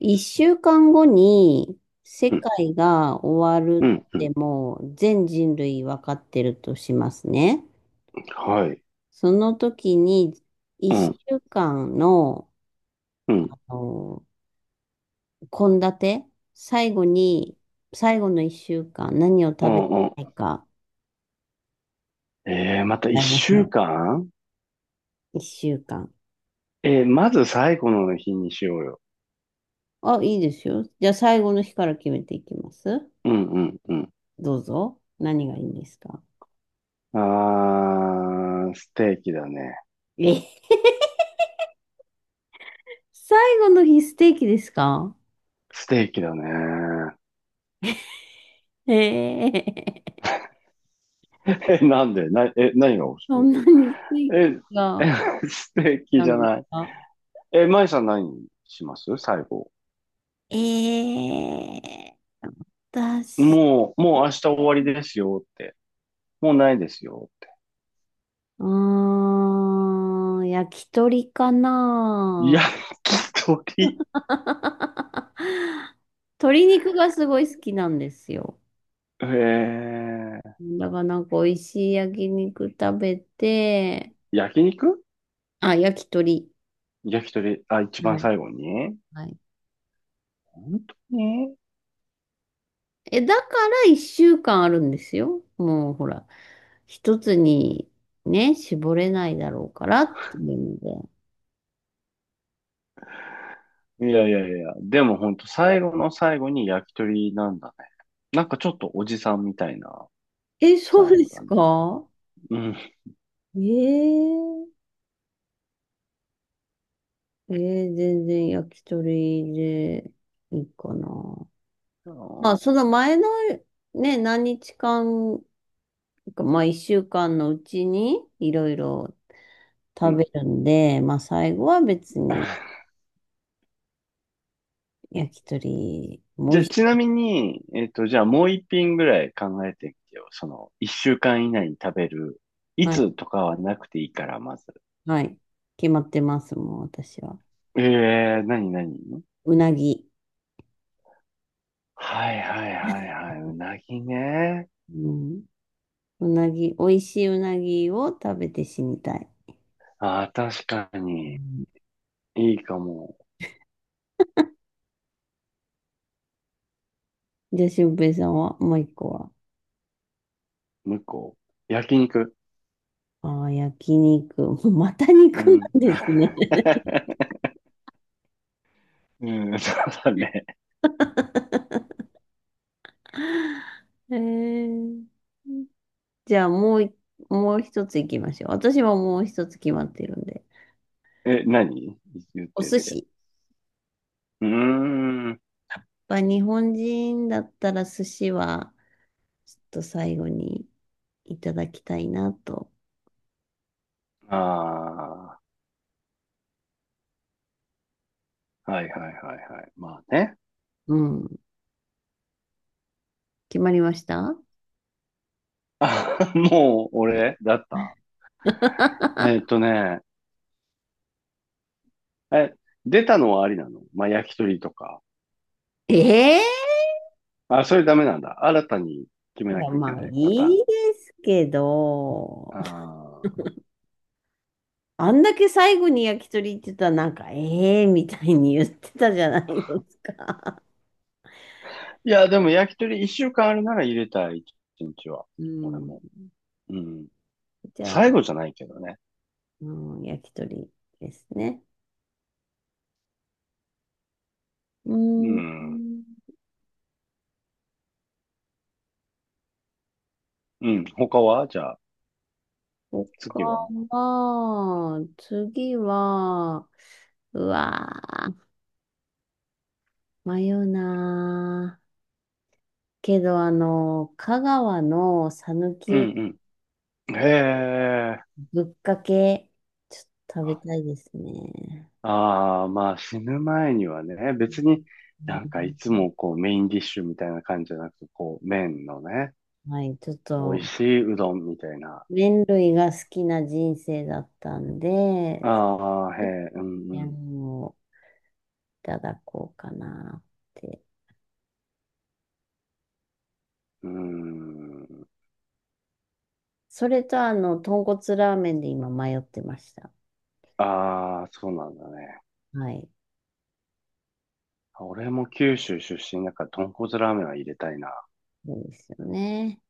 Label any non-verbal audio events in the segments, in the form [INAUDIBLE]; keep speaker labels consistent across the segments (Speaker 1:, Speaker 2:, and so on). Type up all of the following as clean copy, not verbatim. Speaker 1: 一週間後に世
Speaker 2: うん、
Speaker 1: 界が終わる
Speaker 2: うん、
Speaker 1: っ
Speaker 2: う
Speaker 1: て
Speaker 2: ん。
Speaker 1: もう全人類わかってるとしますね。
Speaker 2: はい。
Speaker 1: その時に一
Speaker 2: うん、
Speaker 1: 週間の、
Speaker 2: うん、
Speaker 1: あの、献立、最後に、最後の一週間何を
Speaker 2: う
Speaker 1: 食べ
Speaker 2: ん、う
Speaker 1: たい
Speaker 2: ん。
Speaker 1: か
Speaker 2: また
Speaker 1: 考
Speaker 2: 一
Speaker 1: えまし
Speaker 2: 週
Speaker 1: ょ
Speaker 2: 間。
Speaker 1: う。一週間。
Speaker 2: まず最後の日にしようよ。
Speaker 1: あ、いいですよ。じゃあ最後の日から決めていきます。
Speaker 2: うん、うん、うん。
Speaker 1: どうぞ。何がいいんですか？
Speaker 2: あー、ステーキだね。
Speaker 1: え [LAUGHS]、最後の日ステーキですか？
Speaker 2: ステーキだね。
Speaker 1: ええ、
Speaker 2: [LAUGHS] なんでな、何が欲し
Speaker 1: そ
Speaker 2: い？
Speaker 1: んなにステ
Speaker 2: え、
Speaker 1: ー
Speaker 2: え、
Speaker 1: が、
Speaker 2: [LAUGHS] ステーキ
Speaker 1: な
Speaker 2: じ
Speaker 1: ん
Speaker 2: ゃ
Speaker 1: です
Speaker 2: ない。
Speaker 1: か？
Speaker 2: え、マイさん何します最後？
Speaker 1: ええ、私、
Speaker 2: もう明日終わりですよって。もうないですよって。
Speaker 1: 焼き鳥か
Speaker 2: 焼
Speaker 1: な。
Speaker 2: き鳥。
Speaker 1: [LAUGHS] 鶏肉がすごい好きなんですよ。
Speaker 2: えー、
Speaker 1: だからなんか美味しい焼肉食べて、
Speaker 2: 焼肉、
Speaker 1: あ、焼き鳥。
Speaker 2: 焼き鳥、あ、一番
Speaker 1: はい。
Speaker 2: 最後に
Speaker 1: はい。
Speaker 2: 本当に？
Speaker 1: え、だから一週間あるんですよ。もうほら、一つにね、絞れないだろうからっていうので。
Speaker 2: いやいやいや、でも本当最後の最後に焼き鳥なんだね。なんかちょっとおじさんみたいな
Speaker 1: え、そ
Speaker 2: 最
Speaker 1: うで
Speaker 2: 後だ
Speaker 1: す
Speaker 2: ね。
Speaker 1: か？
Speaker 2: うん。
Speaker 1: えー、えー全然焼き鳥でいいかな。
Speaker 2: あ
Speaker 1: まあ、その
Speaker 2: ー、
Speaker 1: 前のね、何日間か、まあ、一週間のうちにいろいろ
Speaker 2: う
Speaker 1: 食
Speaker 2: ん。
Speaker 1: べるんで、まあ、最後は別に
Speaker 2: [LAUGHS]
Speaker 1: 焼き鳥も
Speaker 2: じ
Speaker 1: 美
Speaker 2: ゃ
Speaker 1: 味
Speaker 2: あ、
Speaker 1: し
Speaker 2: ちな
Speaker 1: い。
Speaker 2: みに、じゃあもう一品ぐらい考えてみてよ。その、一週間以内に食べる。い
Speaker 1: はい、
Speaker 2: つとかはなくていいから、まず。
Speaker 1: はい。決まってます、もう私は。
Speaker 2: ええー、なになに？
Speaker 1: うなぎ。
Speaker 2: はいはいはいはい。うなぎね。
Speaker 1: うん。うなぎ、美味しいうなぎを食べて死にたい。
Speaker 2: ああ、確か
Speaker 1: う
Speaker 2: に。
Speaker 1: ん、
Speaker 2: いいかも。
Speaker 1: じゃあ、俊平さんは、もう一個は？
Speaker 2: もう一個、焼肉。
Speaker 1: ああ、焼肉。[LAUGHS] もうまた肉
Speaker 2: う
Speaker 1: な
Speaker 2: ん。
Speaker 1: んですね。
Speaker 2: [LAUGHS] うん、[LAUGHS] そうだね。
Speaker 1: [LAUGHS] えー、じゃあ、もう一つ行きましょう。私はもう一つ決まってるんで。
Speaker 2: え、何言っ
Speaker 1: お
Speaker 2: て
Speaker 1: 寿
Speaker 2: て。
Speaker 1: 司。
Speaker 2: うーん。
Speaker 1: まあ、日本人だったら寿司は、ちょっと最後にいただきたいなと。
Speaker 2: ああ、はいはいはいはい。まあね。
Speaker 1: うん。決まりました？
Speaker 2: あ、もう俺だった。
Speaker 1: [LAUGHS]
Speaker 2: ね、え、出たのはありなの、まあ焼き鳥とか。
Speaker 1: ええ、
Speaker 2: あ、それダメなんだ。新たに決め
Speaker 1: い
Speaker 2: な
Speaker 1: や、
Speaker 2: きゃいけ
Speaker 1: まあ、
Speaker 2: ないパター
Speaker 1: いい
Speaker 2: ン。
Speaker 1: ですけど、
Speaker 2: ああ。
Speaker 1: あんだけ最後に焼き鳥言ってたら、ええー、みたいに言ってたじゃないですか。
Speaker 2: いや、でも焼き鳥一週間あるなら入れたい、一日は。
Speaker 1: う
Speaker 2: 俺も。
Speaker 1: ん。
Speaker 2: うん。
Speaker 1: じゃ
Speaker 2: 最
Speaker 1: あ、
Speaker 2: 後じゃないけどね。
Speaker 1: うん、焼き鳥ですね。う
Speaker 2: う
Speaker 1: ん。
Speaker 2: ん。うん。他はじゃあ、
Speaker 1: 他
Speaker 2: 次は？
Speaker 1: は、次は、うわー、迷うなー。けど、香川の讃
Speaker 2: う
Speaker 1: 岐うどん、
Speaker 2: んうん。へえ。
Speaker 1: ぶっかけ、ちょっと食べたいですね。
Speaker 2: ああ、まあ死ぬ前にはね、別に
Speaker 1: う
Speaker 2: なんかいつ
Speaker 1: ん、
Speaker 2: もこうメインディッシュみたいな感じじゃなくて、こう麺のね、
Speaker 1: はい、ちょっ
Speaker 2: 美味
Speaker 1: と
Speaker 2: しいうどんみたいな。
Speaker 1: 麺類が好きな人生だったんで、
Speaker 2: ああ、へえ、うんう
Speaker 1: 麺
Speaker 2: ん。
Speaker 1: をいただこうかなって。
Speaker 2: うーん。
Speaker 1: それと豚骨ラーメンで今迷ってました。
Speaker 2: ああ、そうなんだね。
Speaker 1: はい。
Speaker 2: 俺も九州出身だから豚骨ラーメンは入れたいな。
Speaker 1: そうですよね。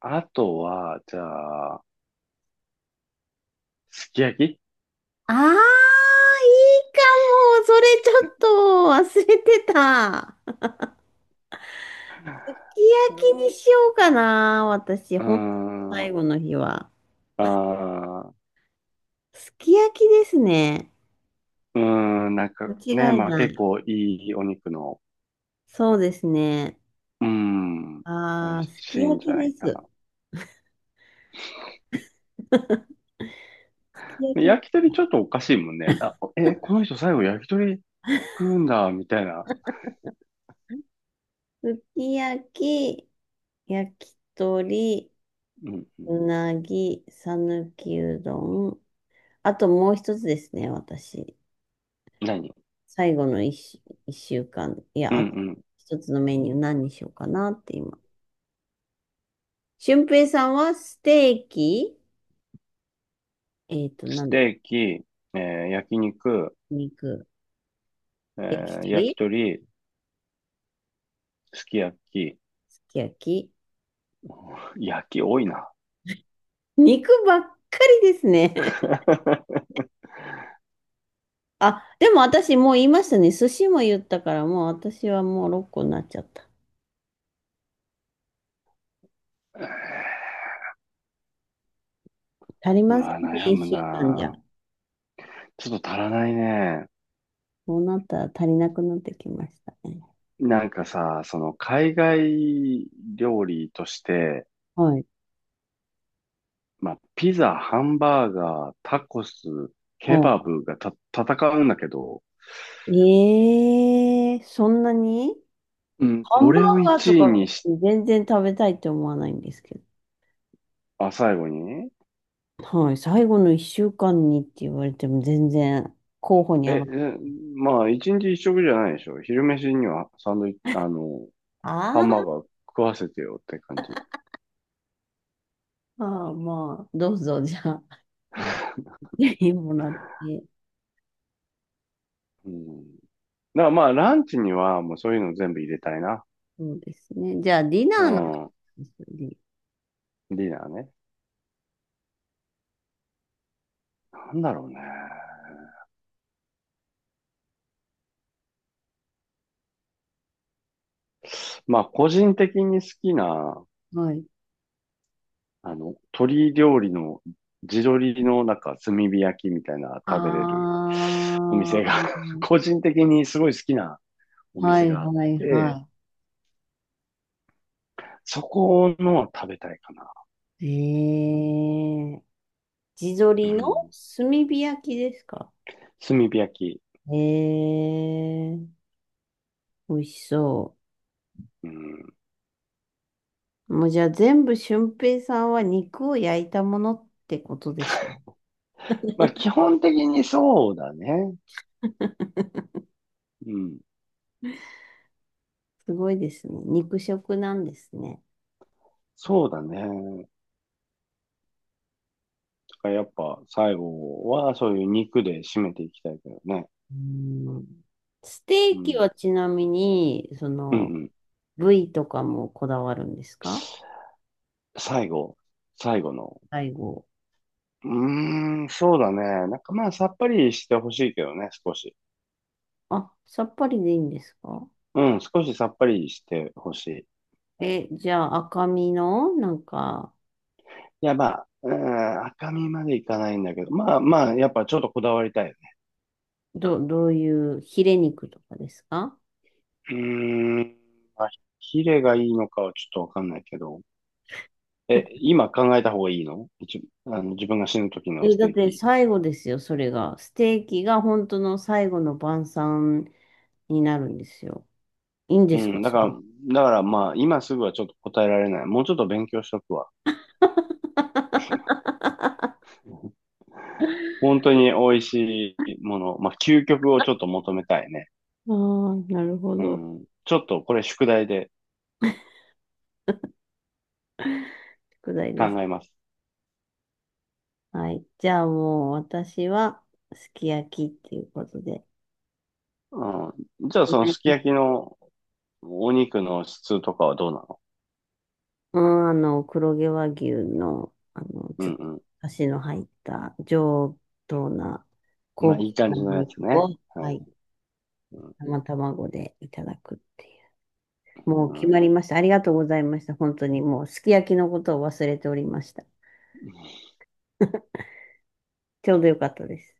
Speaker 2: あとは、じゃあ、すき焼き。
Speaker 1: ああ、いいかも。それちょっと忘れてた。す
Speaker 2: [LAUGHS]
Speaker 1: き焼きにしようかな。私、
Speaker 2: うー
Speaker 1: ほんと最
Speaker 2: ん。
Speaker 1: 後の日は。
Speaker 2: あ、
Speaker 1: すき焼きですね。
Speaker 2: うーん、なんかね、
Speaker 1: 間違い
Speaker 2: まあ
Speaker 1: な
Speaker 2: 結
Speaker 1: い。
Speaker 2: 構いいお肉の、
Speaker 1: そうですね。
Speaker 2: うーん、美
Speaker 1: あ
Speaker 2: 味
Speaker 1: あ、す
Speaker 2: し
Speaker 1: き
Speaker 2: いん
Speaker 1: 焼
Speaker 2: じ
Speaker 1: き
Speaker 2: ゃな
Speaker 1: で
Speaker 2: いか
Speaker 1: す。
Speaker 2: な。
Speaker 1: [LAUGHS] き焼
Speaker 2: で
Speaker 1: き、
Speaker 2: 焼き鳥ちょっとおかしいもんね。あ、え、この人最後焼き鳥
Speaker 1: [LAUGHS]
Speaker 2: 食うんだ、みたいな。
Speaker 1: すき焼き、焼き鳥、
Speaker 2: うんうん。
Speaker 1: うなぎ、さぬきうどん。あともう一つですね、私。
Speaker 2: 何？
Speaker 1: 最後の一週、一週間。い
Speaker 2: う
Speaker 1: や、
Speaker 2: んう
Speaker 1: あと
Speaker 2: ん。
Speaker 1: 一つのメニュー何にしようかなって今。俊平さんはステーキ、えっと、な
Speaker 2: ス
Speaker 1: ん、
Speaker 2: テーキ、えー焼肉、
Speaker 1: 肉、焼き
Speaker 2: えー焼
Speaker 1: 鳥、
Speaker 2: き鳥、すき焼き。
Speaker 1: すき焼き。
Speaker 2: 焼き多いな。
Speaker 1: 肉ばっかりですね。
Speaker 2: [LAUGHS]
Speaker 1: [LAUGHS] あ、でも私もう言いましたね。寿司も言ったから、もう私はもう6個になっちゃった。足り
Speaker 2: う
Speaker 1: ませ
Speaker 2: わ、
Speaker 1: んね、
Speaker 2: 悩
Speaker 1: 一
Speaker 2: む
Speaker 1: 週間じゃ。
Speaker 2: な。ちょっと足らないね。
Speaker 1: そうなったら足りなくなってきましたね。
Speaker 2: なんかさ、その海外料理として、
Speaker 1: はい。
Speaker 2: まあ、ピザ、ハンバーガー、タコス、ケバ
Speaker 1: は
Speaker 2: ブがた戦うんだけど、
Speaker 1: い。えー、そんなに
Speaker 2: うん。
Speaker 1: ハ
Speaker 2: ど
Speaker 1: ンバ
Speaker 2: れを
Speaker 1: ーガーと
Speaker 2: 1位
Speaker 1: か
Speaker 2: にし、
Speaker 1: 全然食べたいって思わないんですけど。
Speaker 2: あ、最後に。
Speaker 1: はい、最後の一週間にって言われても全然候補に
Speaker 2: え、
Speaker 1: 上が
Speaker 2: え、
Speaker 1: っ
Speaker 2: まあ、1日一食じゃないでしょ。昼飯にはサンドイッチ、あの、
Speaker 1: あ
Speaker 2: ハンバー
Speaker 1: ー
Speaker 2: ガー食わせてよって感じ。
Speaker 1: あー、まあ、どうぞ、じゃあ、
Speaker 2: [LAUGHS]
Speaker 1: ぜひもらって。
Speaker 2: うん。だからまあ、ランチにはもうそういうの全部入れたいな。
Speaker 1: そうですね。じゃあ、ディ
Speaker 2: う
Speaker 1: ナーの
Speaker 2: ん。
Speaker 1: 話で。
Speaker 2: ディナーね。なんだろうね。まあ、個人的に好きな
Speaker 1: はい。
Speaker 2: あの、鶏料理の地鶏のなんか炭火焼きみたいな食べれる
Speaker 1: あ
Speaker 2: お店が
Speaker 1: あ、
Speaker 2: [LAUGHS] 個人的にすごい好きなお
Speaker 1: は
Speaker 2: 店
Speaker 1: い
Speaker 2: があっ
Speaker 1: はい
Speaker 2: て、
Speaker 1: はい。
Speaker 2: そこの食べたいかな。
Speaker 1: ええ、地
Speaker 2: う
Speaker 1: 鶏の
Speaker 2: ん。
Speaker 1: 炭火焼きですか？
Speaker 2: 炭火焼き。
Speaker 1: ええ、美味しそ
Speaker 2: うん。
Speaker 1: う。もうじゃあ全部俊平さんは肉を焼いたものってことですね。
Speaker 2: まあ基本的にそうだね。うん。
Speaker 1: すごいですね。肉食なんですね。
Speaker 2: そうだね。だからやっぱ最後はそういう肉で締めていきたいけどね。
Speaker 1: うん。ステ
Speaker 2: う
Speaker 1: ーキ
Speaker 2: ん。
Speaker 1: はちなみに、そ
Speaker 2: うんう
Speaker 1: の、
Speaker 2: ん。
Speaker 1: 部位とかもこだわるんですか？
Speaker 2: 最後、最後の。
Speaker 1: 最後。
Speaker 2: うーん、そうだね。なんかまあ、さっぱりしてほしいけどね、少し。
Speaker 1: あ、さっぱりでいいんですか？
Speaker 2: うん、少しさっぱりしてほしい。
Speaker 1: え、じゃあ赤身の、なんか、
Speaker 2: いや、まあ、うーん、赤身までいかないんだけど、まあまあ、やっぱちょっとこだわりたいよね。
Speaker 1: どういうヒレ肉とかですか？
Speaker 2: うーん、まあ、ヒレがいいのかはちょっとわかんないけど。え、今考えた方がいいの？一あの自分が死ぬ時の
Speaker 1: え、
Speaker 2: ス
Speaker 1: だっ
Speaker 2: テー
Speaker 1: て
Speaker 2: キ。
Speaker 1: 最後ですよ、それが。ステーキが本当の最後の晩餐になるんですよ。いいん
Speaker 2: う
Speaker 1: ですか
Speaker 2: ん、だ
Speaker 1: そ
Speaker 2: か
Speaker 1: んな？
Speaker 2: ら、だからまあ、今すぐはちょっと答えられない。もうちょっと勉強しとくわ。本当に美味しいもの、まあ、究極をちょっと求めたいね。
Speaker 1: ああ、なるほ
Speaker 2: う
Speaker 1: ど。
Speaker 2: ん。ちょっとこれ宿題で
Speaker 1: 宿題
Speaker 2: 考
Speaker 1: で
Speaker 2: え
Speaker 1: す。
Speaker 2: ます。
Speaker 1: はい。じゃあもう私は、すき焼きっていうことで。
Speaker 2: うん。じゃあ
Speaker 1: 決
Speaker 2: その
Speaker 1: まり
Speaker 2: すき
Speaker 1: ました？
Speaker 2: 焼きのお肉の質とかはどうなの？
Speaker 1: うん、黒毛和牛の、
Speaker 2: う
Speaker 1: ちょ
Speaker 2: ん
Speaker 1: っと、
Speaker 2: う
Speaker 1: だしの入った上等な
Speaker 2: ん。ま
Speaker 1: 高
Speaker 2: あい
Speaker 1: 級
Speaker 2: い感
Speaker 1: なお
Speaker 2: じのやつ
Speaker 1: 肉
Speaker 2: ね。
Speaker 1: を、
Speaker 2: は
Speaker 1: は
Speaker 2: い。
Speaker 1: い、
Speaker 2: うんう
Speaker 1: 生
Speaker 2: ん。
Speaker 1: 卵でいただくっていう。
Speaker 2: う
Speaker 1: もう決ま
Speaker 2: ん
Speaker 1: りました。ありがとうございました。本当にもうすき焼きのことを忘れておりました。[LAUGHS] ちょうどよかったです。